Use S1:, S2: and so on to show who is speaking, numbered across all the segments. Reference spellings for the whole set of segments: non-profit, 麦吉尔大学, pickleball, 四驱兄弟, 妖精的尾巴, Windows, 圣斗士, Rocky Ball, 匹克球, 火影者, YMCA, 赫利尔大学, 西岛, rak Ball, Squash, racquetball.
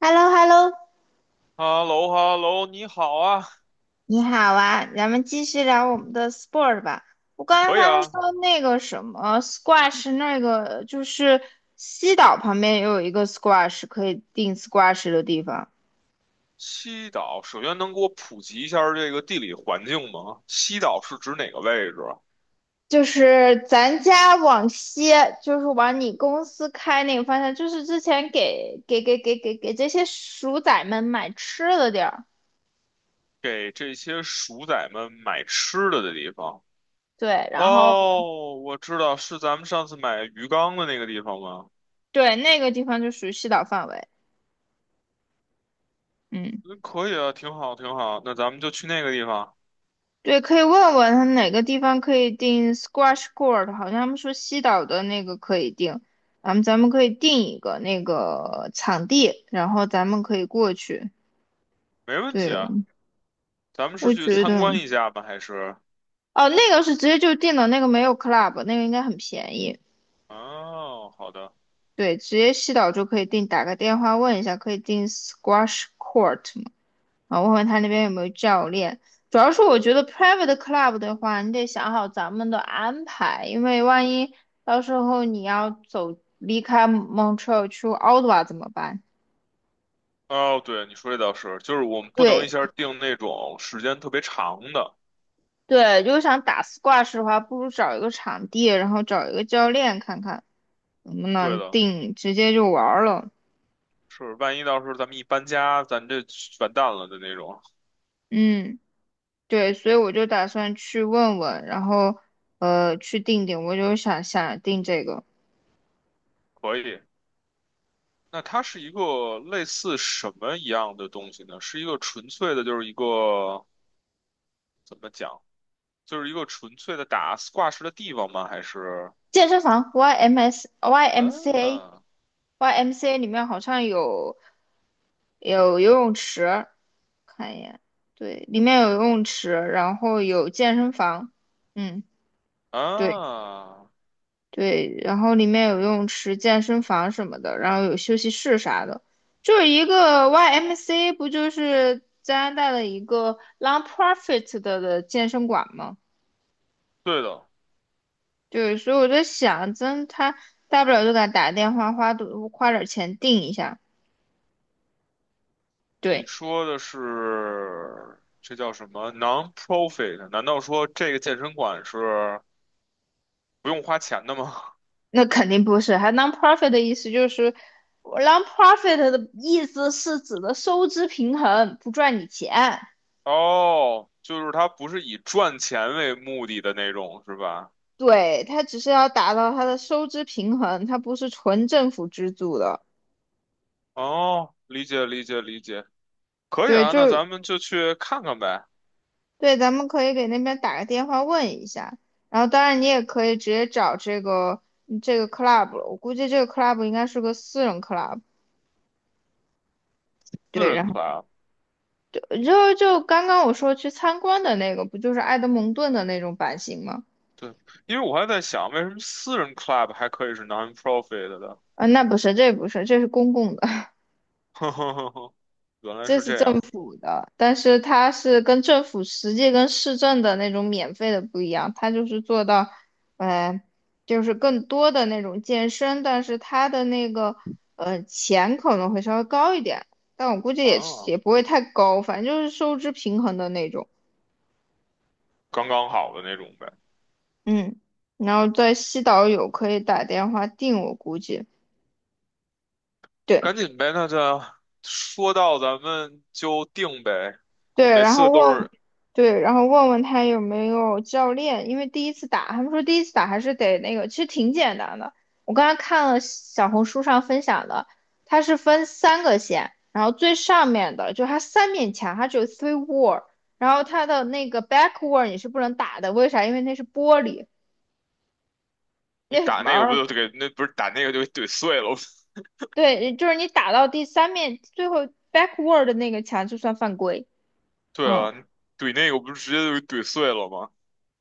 S1: h e l l o h e l l o
S2: 哈喽哈喽，你好啊。
S1: 你好啊，咱们继续聊我们的 sport 吧。我刚
S2: 可
S1: 才
S2: 以
S1: 他们说
S2: 啊。
S1: 那个什么 squash，那个就是西岛旁边也有一个 squash 可以定 squash 的地方，
S2: 西岛，首先能给我普及一下这个地理环境吗？西岛是指哪个位置啊？
S1: 就是咱家往西，就是往你公司开那个方向，就是之前给这些鼠仔们买吃的地儿。
S2: 给这些鼠仔们买吃的的地方。
S1: 对，然后
S2: 哦，我知道，是咱们上次买鱼缸的那个地方吗？
S1: 对那个地方就属于西岛范围。嗯。
S2: 嗯，可以啊，挺好，挺好。那咱们就去那个地方。
S1: 对，可以问问他哪个地方可以订 squash court，好像他们说西岛的那个可以订，咱们可以订一个那个场地，然后咱们可以过去。
S2: 没问题
S1: 对，
S2: 啊。咱们是
S1: 我
S2: 去
S1: 觉
S2: 参
S1: 得，
S2: 观一下吗？还是？
S1: 哦，那个是直接就订的，那个没有 club，那个应该很便宜。
S2: 哦，好的。
S1: 对，直接西岛就可以订，打个电话问一下，可以订 squash court吗？啊，我问问他那边有没有教练。主要是我觉得 private club 的话，你得想好咱们的安排，因为万一到时候你要走离开 Montreal 去 OTT 怎么办？
S2: 哦，对，你说这倒是，就是我们不能一
S1: 对，
S2: 下定那种时间特别长的。
S1: 对，如果想打 s 挂 u 的话，不如找一个场地，然后找一个教练看看能不
S2: 对
S1: 能
S2: 的。
S1: 定，直接就玩儿了。
S2: 是，万一到时候咱们一搬家，咱这完蛋了的那种。
S1: 嗯，对，所以我就打算去问问，然后去定，我就想想定这个
S2: 可以。那它是一个类似什么一样的东西呢？是一个纯粹的，就是一个怎么讲，就是一个纯粹的打挂饰的地方吗？还是？
S1: 健身房 YMS YMCA。
S2: 啊
S1: y m c A 里面好像有游泳池，看一眼，对，里面有游泳池，然后有健身房，嗯，对，
S2: 啊，
S1: 对，然后里面有游泳池、健身房什么的，然后有休息室啥的，就是一个 y m c A 不就是加拿大的一个 non-profit 的健身馆吗？
S2: 对的，
S1: 对，所以我在想，真他大不了就给他打个电话，花多花点钱订一下，
S2: 你
S1: 对。
S2: 说的是这叫什么 non-profit？难道说这个健身馆是不用花钱的吗？
S1: 那肯定不是。还 non-profit 的意思就是，non-profit 的意思是指的收支平衡，不赚你钱。
S2: 哦，就是它不是以赚钱为目的的那种，是吧？
S1: 对，它只是要达到它的收支平衡，它不是纯政府资助的。
S2: 哦，理解理解理解。可以
S1: 对，
S2: 啊，
S1: 就
S2: 那
S1: 是
S2: 咱们就去看看呗。
S1: 对，咱们可以给那边打个电话问一下。然后，当然你也可以直接找这个 club 了，我估计这个 club 应该是个私人 club。
S2: 私
S1: 对，
S2: 人
S1: 然后
S2: club。
S1: 就就就刚刚我说去参观的那个，不就是埃德蒙顿的那种版型吗？
S2: 对，因为我还在想，为什么私人 club 还可以是 non-profit 的？
S1: 嗯，那不是，这不是，这是公共的，
S2: 呵呵呵呵，原来
S1: 这
S2: 是
S1: 是
S2: 这
S1: 政
S2: 样
S1: 府的，但是它是跟政府实际跟市政的那种免费的不一样，它就是做到，呃，就是更多的那种健身，但是它的那个钱可能会稍微高一点，但我估计也是
S2: 啊。
S1: 也不会太高，反正就是收支平衡的那种，
S2: 刚刚好的那种呗。
S1: 嗯，然后在西岛有可以打电话订，我估计。
S2: 赶
S1: 对。
S2: 紧呗，那就说到咱们就定呗。
S1: 对，
S2: 每
S1: 然后
S2: 次都
S1: 问，
S2: 是
S1: 对，然后问问他有没有教练，因为第一次打，他们说第一次打还是得那个，其实挺简单的。我刚才看了小红书上分享的，它是分三个线，然后最上面的就它三面墙，它只有 three wall，然后它的那个 back wall 你是不能打的，为啥？因为那是玻璃，
S2: 你
S1: 那是
S2: 打
S1: 门
S2: 那个，不
S1: 儿，
S2: 就给那不是打那个就给怼碎了？
S1: 对，就是你打到第三面最后 back wall 的那个墙就算犯规，
S2: 对
S1: 嗯。
S2: 啊，你怼那个不是直接就给怼碎了吗？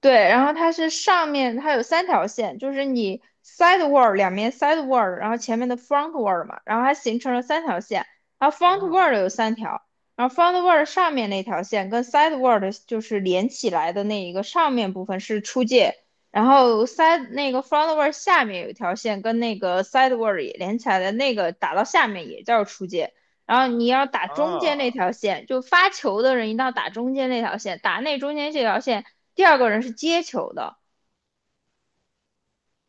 S1: 对，然后它是上面它有三条线，就是你 side word 两面 side word，然后前面的 front word 嘛，然后它形成了三条线，然后 front
S2: 啊
S1: word 有三条，然后 front word 上面那条线跟 side word 就是连起来的那一个上面部分是出界，然后 side 那个 front word 下面有一条线跟那个 side word 也连起来的那个打到下面也叫出界，然后你要打中间那
S2: 啊！
S1: 条线，就发球的人一定要打中间那条线，打那中间这条线，第二个人是接球的，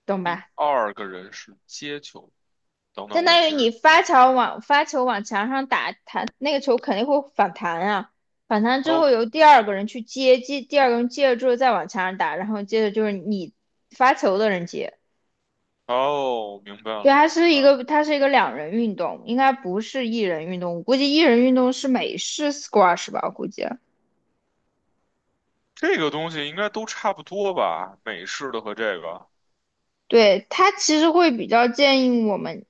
S1: 懂
S2: 第
S1: 吧？
S2: 二个人是接球。等
S1: 相
S2: 等，我
S1: 当于
S2: 其
S1: 你
S2: 实
S1: 发球往墙上打，弹那个球肯定会反弹啊，反弹之
S2: 哦。
S1: 后由第二个人去接，接第二个人接了之后再往墙上打，然后接着就是你发球的人接。
S2: 哦，明白了，
S1: 对，它
S2: 明
S1: 是
S2: 白
S1: 一
S2: 了。
S1: 个它是一个两人运动，应该不是一人运动。我估计一人运动是美式 squash 吧，我估计。
S2: 这个东西应该都差不多吧？美式的和这个
S1: 对，它其实会比较建议我们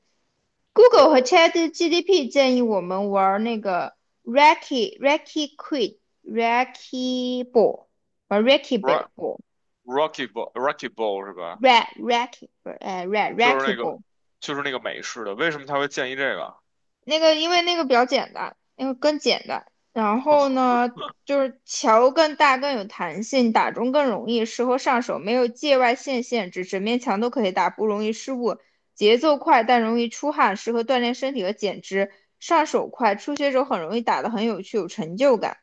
S1: Google 和 ChatGPT 建议我们玩那个 Raki Raki Quid Raki Ball，玩 Raki
S2: Rock
S1: Ball
S2: Rocky Ball Rocky Ball 是吧？
S1: Raki Raki 不 r e
S2: 就是
S1: Raki
S2: 那
S1: Ball。
S2: 个就是那个美式的，为什么他会建议这个？
S1: 那个因为那个比较简单，那个更简单。然后呢，就是桥更大更有弹性，打中更容易，适合上手，没有界外线限制，整面墙都可以打，不容易失误。节奏快但容易出汗，适合锻炼身体和减脂。上手快，初学者很容易打得很有趣，有成就感。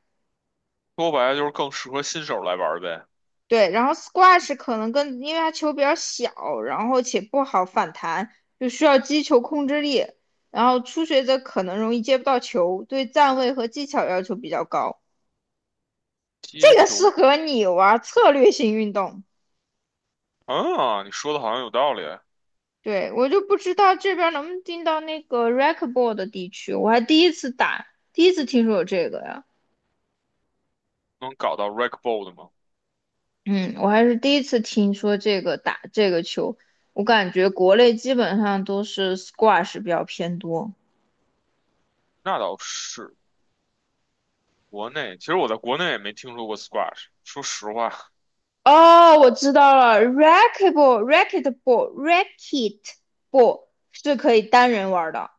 S2: 说白了就是更适合新手来玩儿呗。
S1: 对，然后 squash 可能跟因为它球比较小，然后且不好反弹，就需要击球控制力。然后初学者可能容易接不到球，对站位和技巧要求比较高。
S2: 接
S1: 这个适
S2: 球
S1: 合你玩策略性运动。
S2: 啊，你说的好像有道理。
S1: 对，我就不知道这边能不能进到那个 racquetball 的地区，我还第一次打，第一次听说有这个呀。
S2: 能搞到 r a k Ball 的吗？
S1: 嗯，我还是第一次听说这个打这个球，我感觉国内基本上都是 squash 比较偏多。
S2: 那倒是。国内其实我在国内也没听说过 Squash。说实话
S1: 哦，我知道了 rackuetball racketball racketball 是可以单人玩儿的。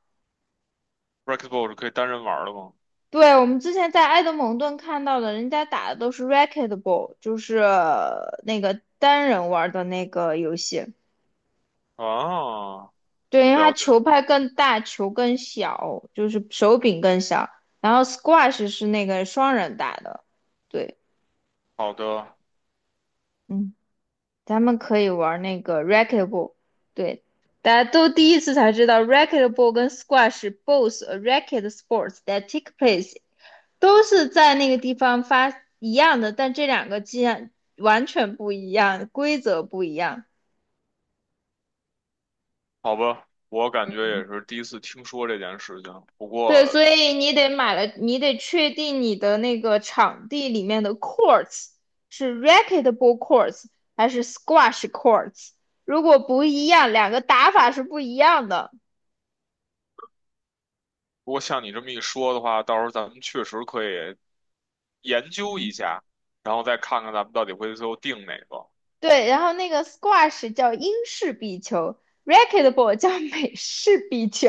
S2: r a k Ball 是可以单人玩的吗？
S1: 对，我们之前在埃德蒙顿看到的，人家打的都是 r a c k e t b a l l 就是那个单人玩儿的那个游戏。
S2: 啊，
S1: 对，因为它
S2: 了解，
S1: 球拍更大，球更小，就是手柄更小。然后 squash 是那个双人打的。对，
S2: 好的。
S1: 嗯。咱们可以玩那个 racquetball，对，大家都第一次才知道 racquetball 跟 squash both a racket sports that take place，都是在那个地方发一样的，但这两个既然完全不一样，规则不一样。
S2: 好吧，我感觉也是第一次听说这件事情。不
S1: 对，
S2: 过，
S1: 所以你得买了，你得确定你的那个场地里面的 courts 是 racquetball courts 还是 squash courts，如果不一样，两个打法是不一样的。
S2: 不过像你这么一说的话，到时候咱们确实可以研究一
S1: 嗯。
S2: 下，然后再看看咱们到底会最后定哪个。
S1: 对，然后那个 squash 叫英式壁球，racquetball 叫美式壁球，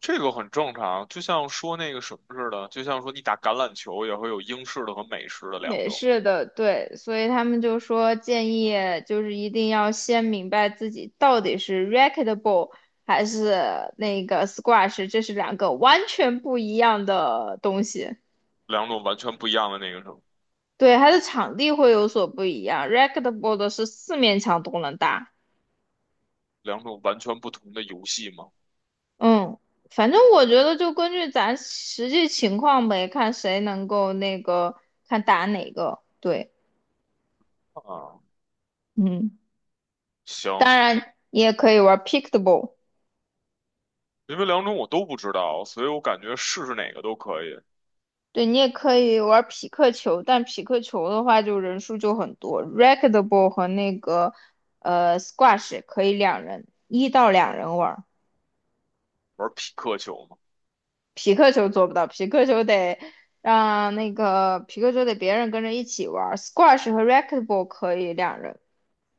S2: 这个很正常，就像说那个什么似的，就像说你打橄榄球也会有英式的和美式 的两
S1: 美
S2: 种。
S1: 式的，对，所以他们就说建议就是一定要先明白自己到底是 racquetball 还是那个 squash，这是两个完全不一样的东西。
S2: 两种完全不一样的那个什么。
S1: 对，它的场地会有所不一样，racquetball 的是四面墙都能打。
S2: 两种完全不同的游戏嘛。
S1: 嗯，反正我觉得就根据咱实际情况呗，看谁能够那个，看打哪个。对，
S2: 啊，
S1: 嗯，
S2: 行。
S1: 当然你也可以玩 pickleball，
S2: 因为两种我都不知道，所以我感觉试试哪个都可以。
S1: 对，你也可以玩匹克球，但匹克球的话就人数就很多。racquetball 和那个squash 也可以两人，一到两人玩儿。
S2: 玩匹克球嘛。
S1: 匹克球做不到，匹克球得让那个匹克球得别人跟着一起玩 squash 和 racquetball 可以两人。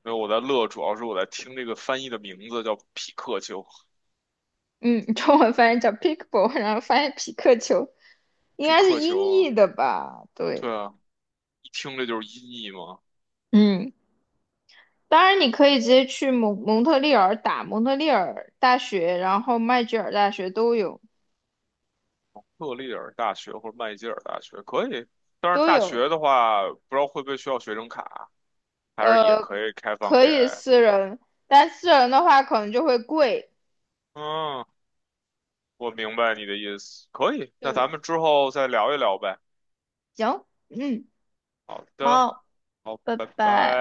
S2: 因为我在乐，主要是我在听这个翻译的名字叫匹克球。
S1: 嗯，中文翻译叫 pickle 然后翻译匹克球，应
S2: 匹
S1: 该是
S2: 克球
S1: 音
S2: 啊，
S1: 译的吧？对，
S2: 对啊，一听这就是音译嘛。
S1: 嗯，当然你可以直接去蒙特利尔打蒙特利尔大学，然后麦吉尔大学都有
S2: 赫利尔大学或者麦吉尔大学可以，但是
S1: 都
S2: 大
S1: 有，
S2: 学的话，不知道会不会需要学生卡，还是也
S1: 呃，
S2: 可以开放
S1: 可
S2: 给。
S1: 以私人，但私人的话可能就会贵。
S2: 嗯，我明白你的意思，可以。那咱
S1: 对，
S2: 们之后再聊一聊呗。
S1: 行，嗯，
S2: 好的，
S1: 好，
S2: 好，
S1: 拜
S2: 拜
S1: 拜。
S2: 拜。